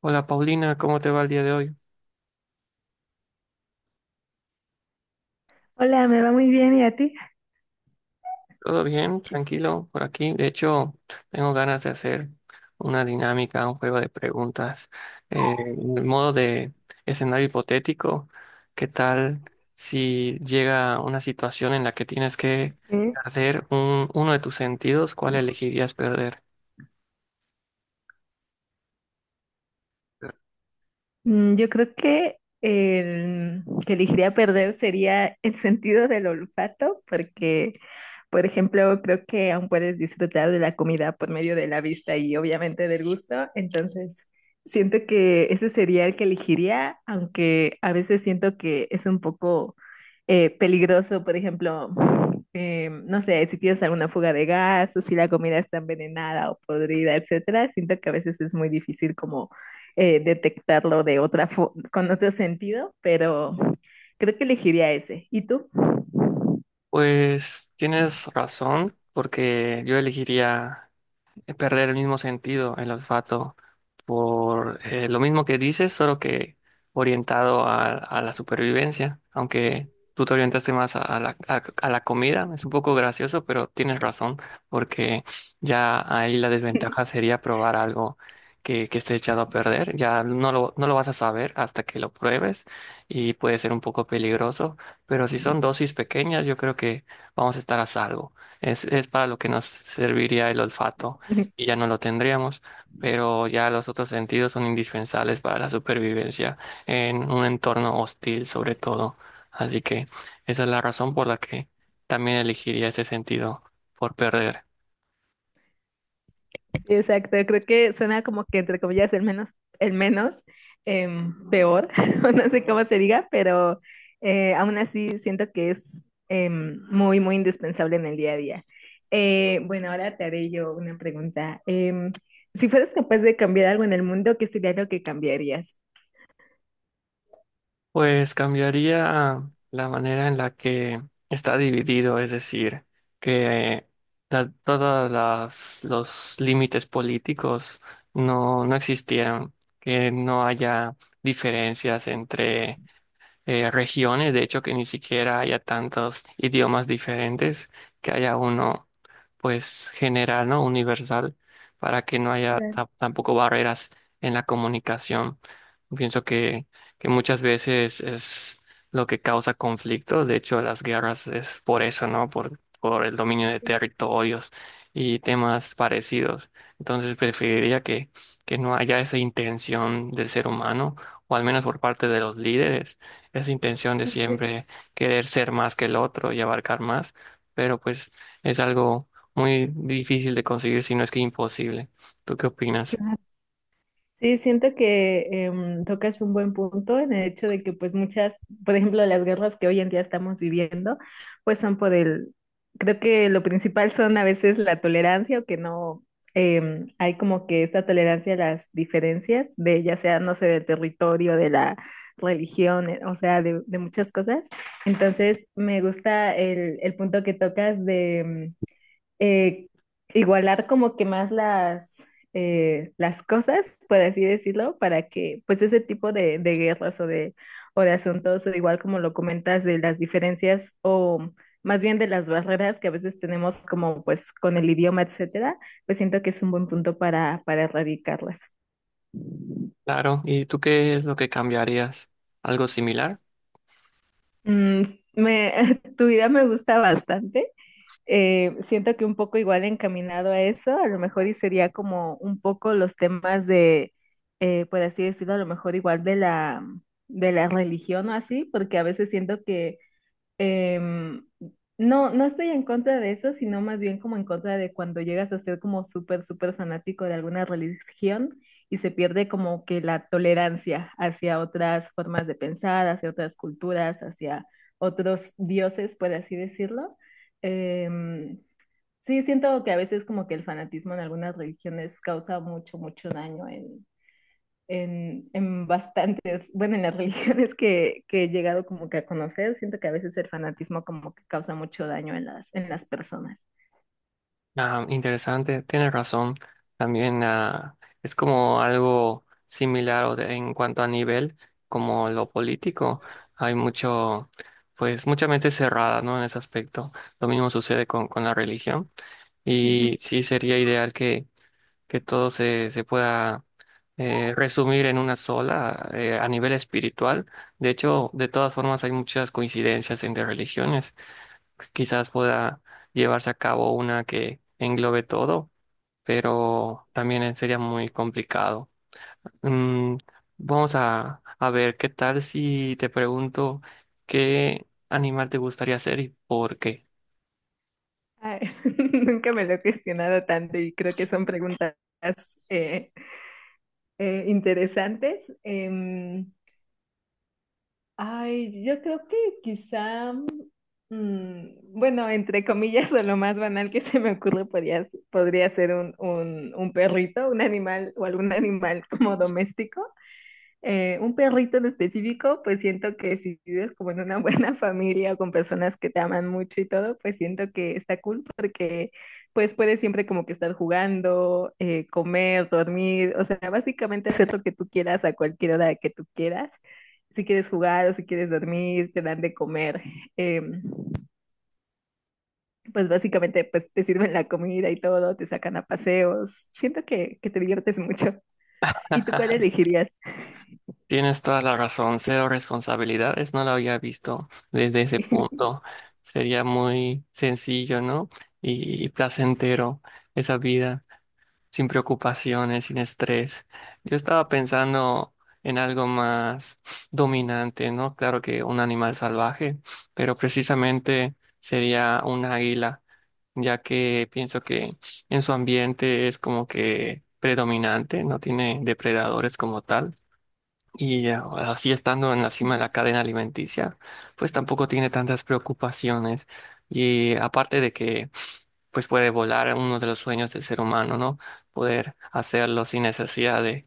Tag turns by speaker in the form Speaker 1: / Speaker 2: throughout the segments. Speaker 1: Hola Paulina, ¿cómo te va el día de hoy?
Speaker 2: Hola, me va muy bien, ¿y a ti?
Speaker 1: ¿Todo bien? ¿Tranquilo por aquí? De hecho, tengo ganas de hacer una dinámica, un juego de preguntas, en el modo de escenario hipotético. ¿Qué tal si llega una situación en la que tienes que
Speaker 2: Ok.
Speaker 1: perder uno de tus sentidos? ¿Cuál elegirías perder?
Speaker 2: Yo creo que el que elegiría perder sería el sentido del olfato, porque, por ejemplo, creo que aún puedes disfrutar de la comida por medio de la vista y obviamente del gusto, entonces siento que ese sería el que elegiría, aunque a veces siento que es un poco peligroso. Por ejemplo, no sé, si tienes alguna fuga de gas o si la comida está envenenada o podrida, etcétera, siento que a veces es muy difícil como detectarlo de otra con otro sentido, pero creo que elegiría ese. ¿Y tú?
Speaker 1: Pues tienes razón, porque yo elegiría perder el mismo sentido, el olfato, por lo mismo que dices, solo que orientado a la supervivencia, aunque tú te orientaste más a la comida. Es un poco gracioso, pero tienes razón, porque ya ahí la desventaja sería probar algo que esté echado a perder, ya no lo vas a saber hasta que lo pruebes y puede ser un poco peligroso, pero si son dosis pequeñas, yo creo que vamos a estar a salvo. Es para lo que nos serviría el olfato y ya no lo tendríamos, pero ya los otros sentidos son indispensables para la supervivencia en un entorno hostil, sobre todo. Así que esa es la razón por la que también elegiría ese sentido por perder.
Speaker 2: Sí, exacto, creo que suena como que entre comillas el menos peor, o no sé cómo se diga, pero aún así siento que es muy, muy indispensable en el día a día. Bueno, ahora te haré yo una pregunta. Si fueras capaz de cambiar algo en el mundo, ¿qué sería lo que cambiarías?
Speaker 1: Pues cambiaría la manera en la que está dividido, es decir, que todas los límites políticos no existieran, que no haya diferencias entre regiones, de hecho que ni siquiera haya tantos idiomas diferentes, que haya uno pues general, ¿no? Universal, para que no haya
Speaker 2: Claro,
Speaker 1: tampoco barreras en la comunicación. Pienso que muchas veces es lo que causa conflictos. De hecho, las guerras es por eso, ¿no? Por el dominio de
Speaker 2: sí.
Speaker 1: territorios y temas parecidos. Entonces, preferiría que no haya esa intención del ser humano, o al menos por parte de los líderes, esa intención de
Speaker 2: Ok,
Speaker 1: siempre querer ser más que el otro y abarcar más. Pero pues es algo muy difícil de conseguir, si no es que imposible. ¿Tú qué opinas?
Speaker 2: claro. Sí, siento que tocas un buen punto en el hecho de que por ejemplo, las guerras que hoy en día estamos viviendo, pues son por el, creo que lo principal son a veces la tolerancia o que no hay como que esta tolerancia a las diferencias de ya sea, no sé, del territorio, de la religión, o sea, de muchas cosas. Entonces, me gusta el punto que tocas de eh, igualar como que más las cosas, por así decirlo, para que pues ese tipo de guerras o de asuntos, o igual como lo comentas, de las diferencias o más bien de las barreras que a veces tenemos como pues con el idioma, etcétera, pues siento que es un buen punto para erradicarlas.
Speaker 1: Claro, ¿y tú qué es lo que cambiarías? ¿Algo similar?
Speaker 2: Mm, tu idea me gusta bastante. Siento que un poco igual encaminado a eso, a lo mejor y sería como un poco los temas de, por así decirlo, a lo mejor igual de de la religión o así, porque a veces siento que em, no estoy en contra de eso, sino más bien como en contra de cuando llegas a ser como súper, súper fanático de alguna religión y se pierde como que la tolerancia hacia otras formas de pensar, hacia otras culturas, hacia otros dioses, por así decirlo. Em, sí, siento que a veces como que el fanatismo en algunas religiones causa mucho, mucho daño en bastantes, bueno, en las religiones que he llegado como que a conocer, siento que a veces el fanatismo como que causa mucho daño en en las personas.
Speaker 1: Ah, interesante, tienes razón. También ah, es como algo similar en cuanto a nivel, como lo político. Hay mucho, pues mucha mente cerrada, ¿no? En ese aspecto. Lo mismo sucede con la religión.
Speaker 2: Ujú.
Speaker 1: Y sí sería ideal que todo se pueda resumir en una sola, a nivel espiritual. De hecho, de todas formas hay muchas coincidencias entre religiones. Quizás pueda llevarse a cabo una que englobe todo, pero también sería muy complicado. Mm, vamos a ver, ¿qué tal si te pregunto qué animal te gustaría ser y por qué?
Speaker 2: Ay, nunca me lo he cuestionado tanto y creo que son preguntas eh, interesantes. Ay, yo creo que quizá, mm, bueno, entre comillas, o lo más banal que se me ocurre podría ser un perrito, un animal o algún animal como doméstico. Un perrito en específico, pues siento que si vives como en una buena familia o con personas que te aman mucho y todo, pues siento que está cool porque pues puedes siempre como que estar jugando, comer, dormir, o sea, básicamente hacer lo que tú quieras a cualquier hora que tú quieras. Si quieres jugar o si quieres dormir, te dan de comer. em, pues básicamente pues te sirven la comida y todo, te sacan a paseos. Siento que te diviertes mucho. ¿Y tú cuál elegirías?
Speaker 1: Tienes toda la razón, cero responsabilidades, no lo había visto desde ese punto. Sería muy sencillo, ¿no? Y placentero esa vida, sin preocupaciones, sin estrés. Yo estaba pensando en algo más dominante, ¿no? Claro que un animal salvaje, pero precisamente sería un águila, ya que pienso que en su ambiente es como que predominante, no tiene depredadores como tal y, así estando en la cima de
Speaker 2: Ujú.
Speaker 1: la cadena alimenticia, pues tampoco tiene tantas preocupaciones. Y aparte de que pues puede volar, uno de los sueños del ser humano, ¿no? Poder hacerlo sin necesidad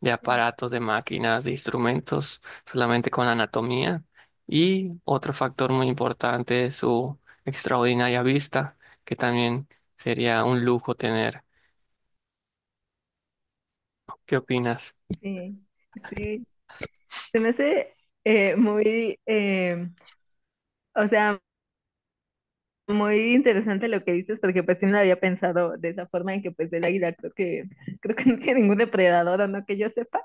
Speaker 1: de aparatos, de máquinas, de instrumentos, solamente con la anatomía. Y otro factor muy importante es su extraordinaria vista, que también sería un lujo tener. ¿Qué opinas?
Speaker 2: Sí, sí, se me hace muy, o sea, muy interesante lo que dices, porque pues sí no lo había pensado de esa forma, en que pues el águila creo que no tiene ningún depredador, o no que yo sepa,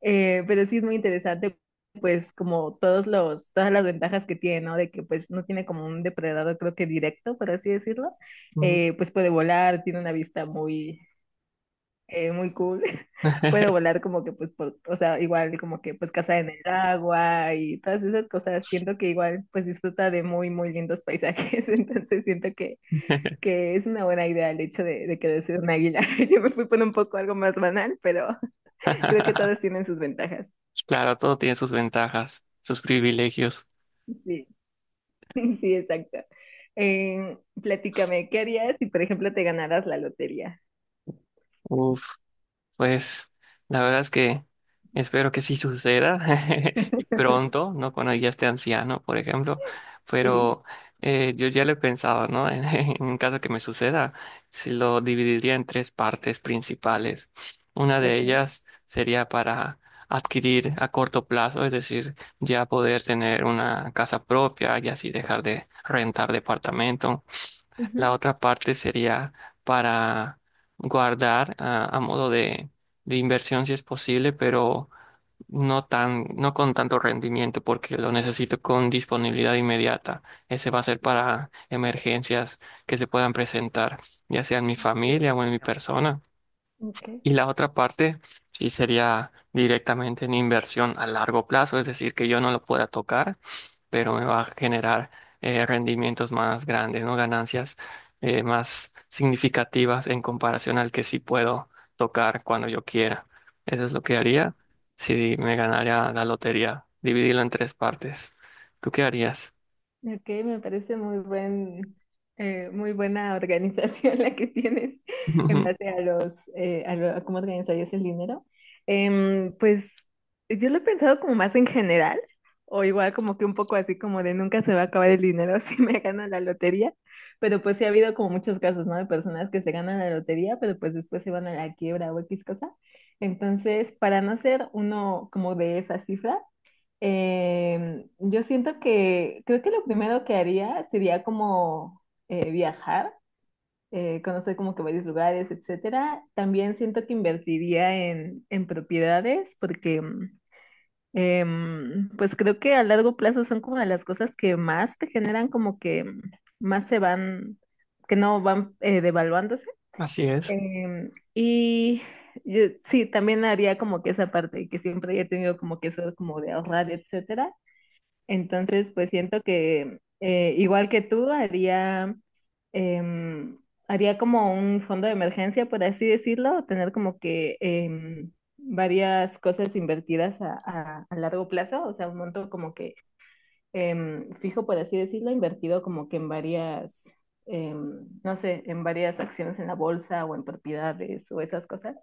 Speaker 2: pero sí es muy interesante, pues como todos todas las ventajas que tiene, ¿no? De que pues no tiene como un depredador, creo que directo, por así decirlo,
Speaker 1: Mm.
Speaker 2: pues puede volar, tiene una vista muy, muy cool. Puedo volar como que pues, por- o sea, igual como que pues casa en el agua y todas esas cosas. Siento que igual pues disfruta de muy, muy lindos paisajes. Entonces siento que es una buena idea el hecho de querer ser un águila. Yo me fui por un poco algo más banal, pero creo que todas tienen sus ventajas.
Speaker 1: Claro, todo tiene sus ventajas, sus privilegios.
Speaker 2: Sí, sí, exacto. Platícame, ¿qué harías si por ejemplo te ganaras la lotería?
Speaker 1: Uf, pues la verdad es que espero que sí suceda y pronto, ¿no? Cuando ya esté anciano, por ejemplo,
Speaker 2: Sí,
Speaker 1: pero yo ya lo he pensado, ¿no? En caso que me suceda, si lo dividiría en tres partes principales. Una de
Speaker 2: ok.
Speaker 1: ellas sería para adquirir a corto plazo, es decir, ya poder tener una casa propia y así dejar de rentar departamento.
Speaker 2: Ujú,
Speaker 1: La otra parte sería para guardar, a modo de inversión si es posible, pero no tan, no con tanto rendimiento porque lo necesito con disponibilidad inmediata. Ese va a ser para emergencias que se puedan presentar, ya sea en mi
Speaker 2: sí,
Speaker 1: familia o en mi persona.
Speaker 2: ok.
Speaker 1: Y la otra parte sí sería directamente en inversión a largo plazo, es decir, que yo no lo pueda tocar pero me va a generar rendimientos más grandes, ¿no? Ganancias más significativas en comparación al que sí puedo tocar cuando yo quiera. Eso es lo que haría si me ganara la lotería, dividirlo en tres partes. ¿Tú qué harías?
Speaker 2: Ok, me parece muy muy buena organización la que tienes en base a los, a a cómo organizarías el dinero. Pues yo lo he pensado como más en general, o igual como que un poco así como de nunca se va a acabar el dinero si me gano la lotería, pero pues sí ha habido como muchos casos, ¿no? De personas que se ganan la lotería, pero pues después se van a la quiebra o X cosa. Entonces, para no ser uno como de esa cifra, yo siento que creo que lo primero que haría sería como viajar, conocer como que varios lugares, etcétera. También siento que invertiría en propiedades porque pues creo que a largo plazo son como de las cosas que más te generan como que más se van, que no van devaluándose.
Speaker 1: Así es.
Speaker 2: Y sí, también haría como que esa parte que siempre he tenido como que eso como de ahorrar, etcétera. Entonces, pues siento que igual que tú, haría, em, haría como un fondo de emergencia, por así decirlo, o tener como que varias cosas invertidas a, a largo plazo, o sea, un monto como que fijo, por así decirlo, invertido como que en varias, no sé, en varias acciones en la bolsa o en propiedades o esas cosas,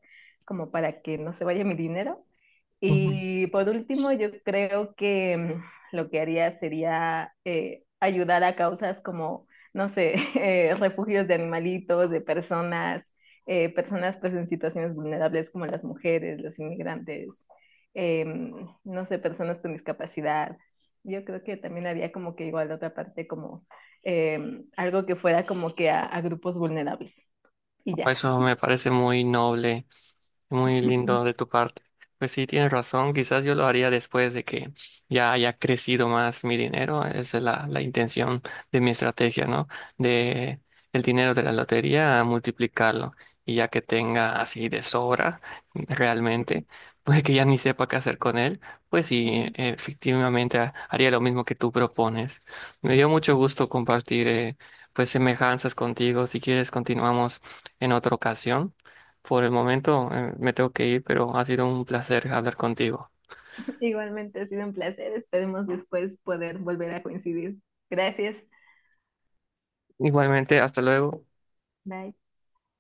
Speaker 2: como para que no se vaya mi dinero. Y por último, yo creo que lo que haría sería ayudar a causas como, no sé, refugios de animalitos, de personas, personas pues en situaciones vulnerables como las mujeres, los inmigrantes, em, no sé, personas con discapacidad. Yo creo que también había como que igual otra parte como eh, algo que fuera como que a grupos vulnerables. Y ya.
Speaker 1: Eso me parece muy noble, muy lindo de tu parte. Pues sí, tienes razón, quizás yo lo haría después de que ya haya crecido más mi dinero. Esa es la intención de mi estrategia, ¿no? De el dinero de la lotería a multiplicarlo. Y ya que tenga así de sobra, realmente, pues que ya ni sepa qué hacer con él, pues sí, efectivamente haría lo mismo que tú propones. Me dio mucho gusto compartir, pues, semejanzas contigo. Si quieres, continuamos en otra ocasión. Por el momento, me tengo que ir, pero ha sido un placer hablar contigo.
Speaker 2: Igualmente ha sido un placer. Esperemos después poder volver a coincidir. Gracias.
Speaker 1: Igualmente, hasta luego.
Speaker 2: Bye.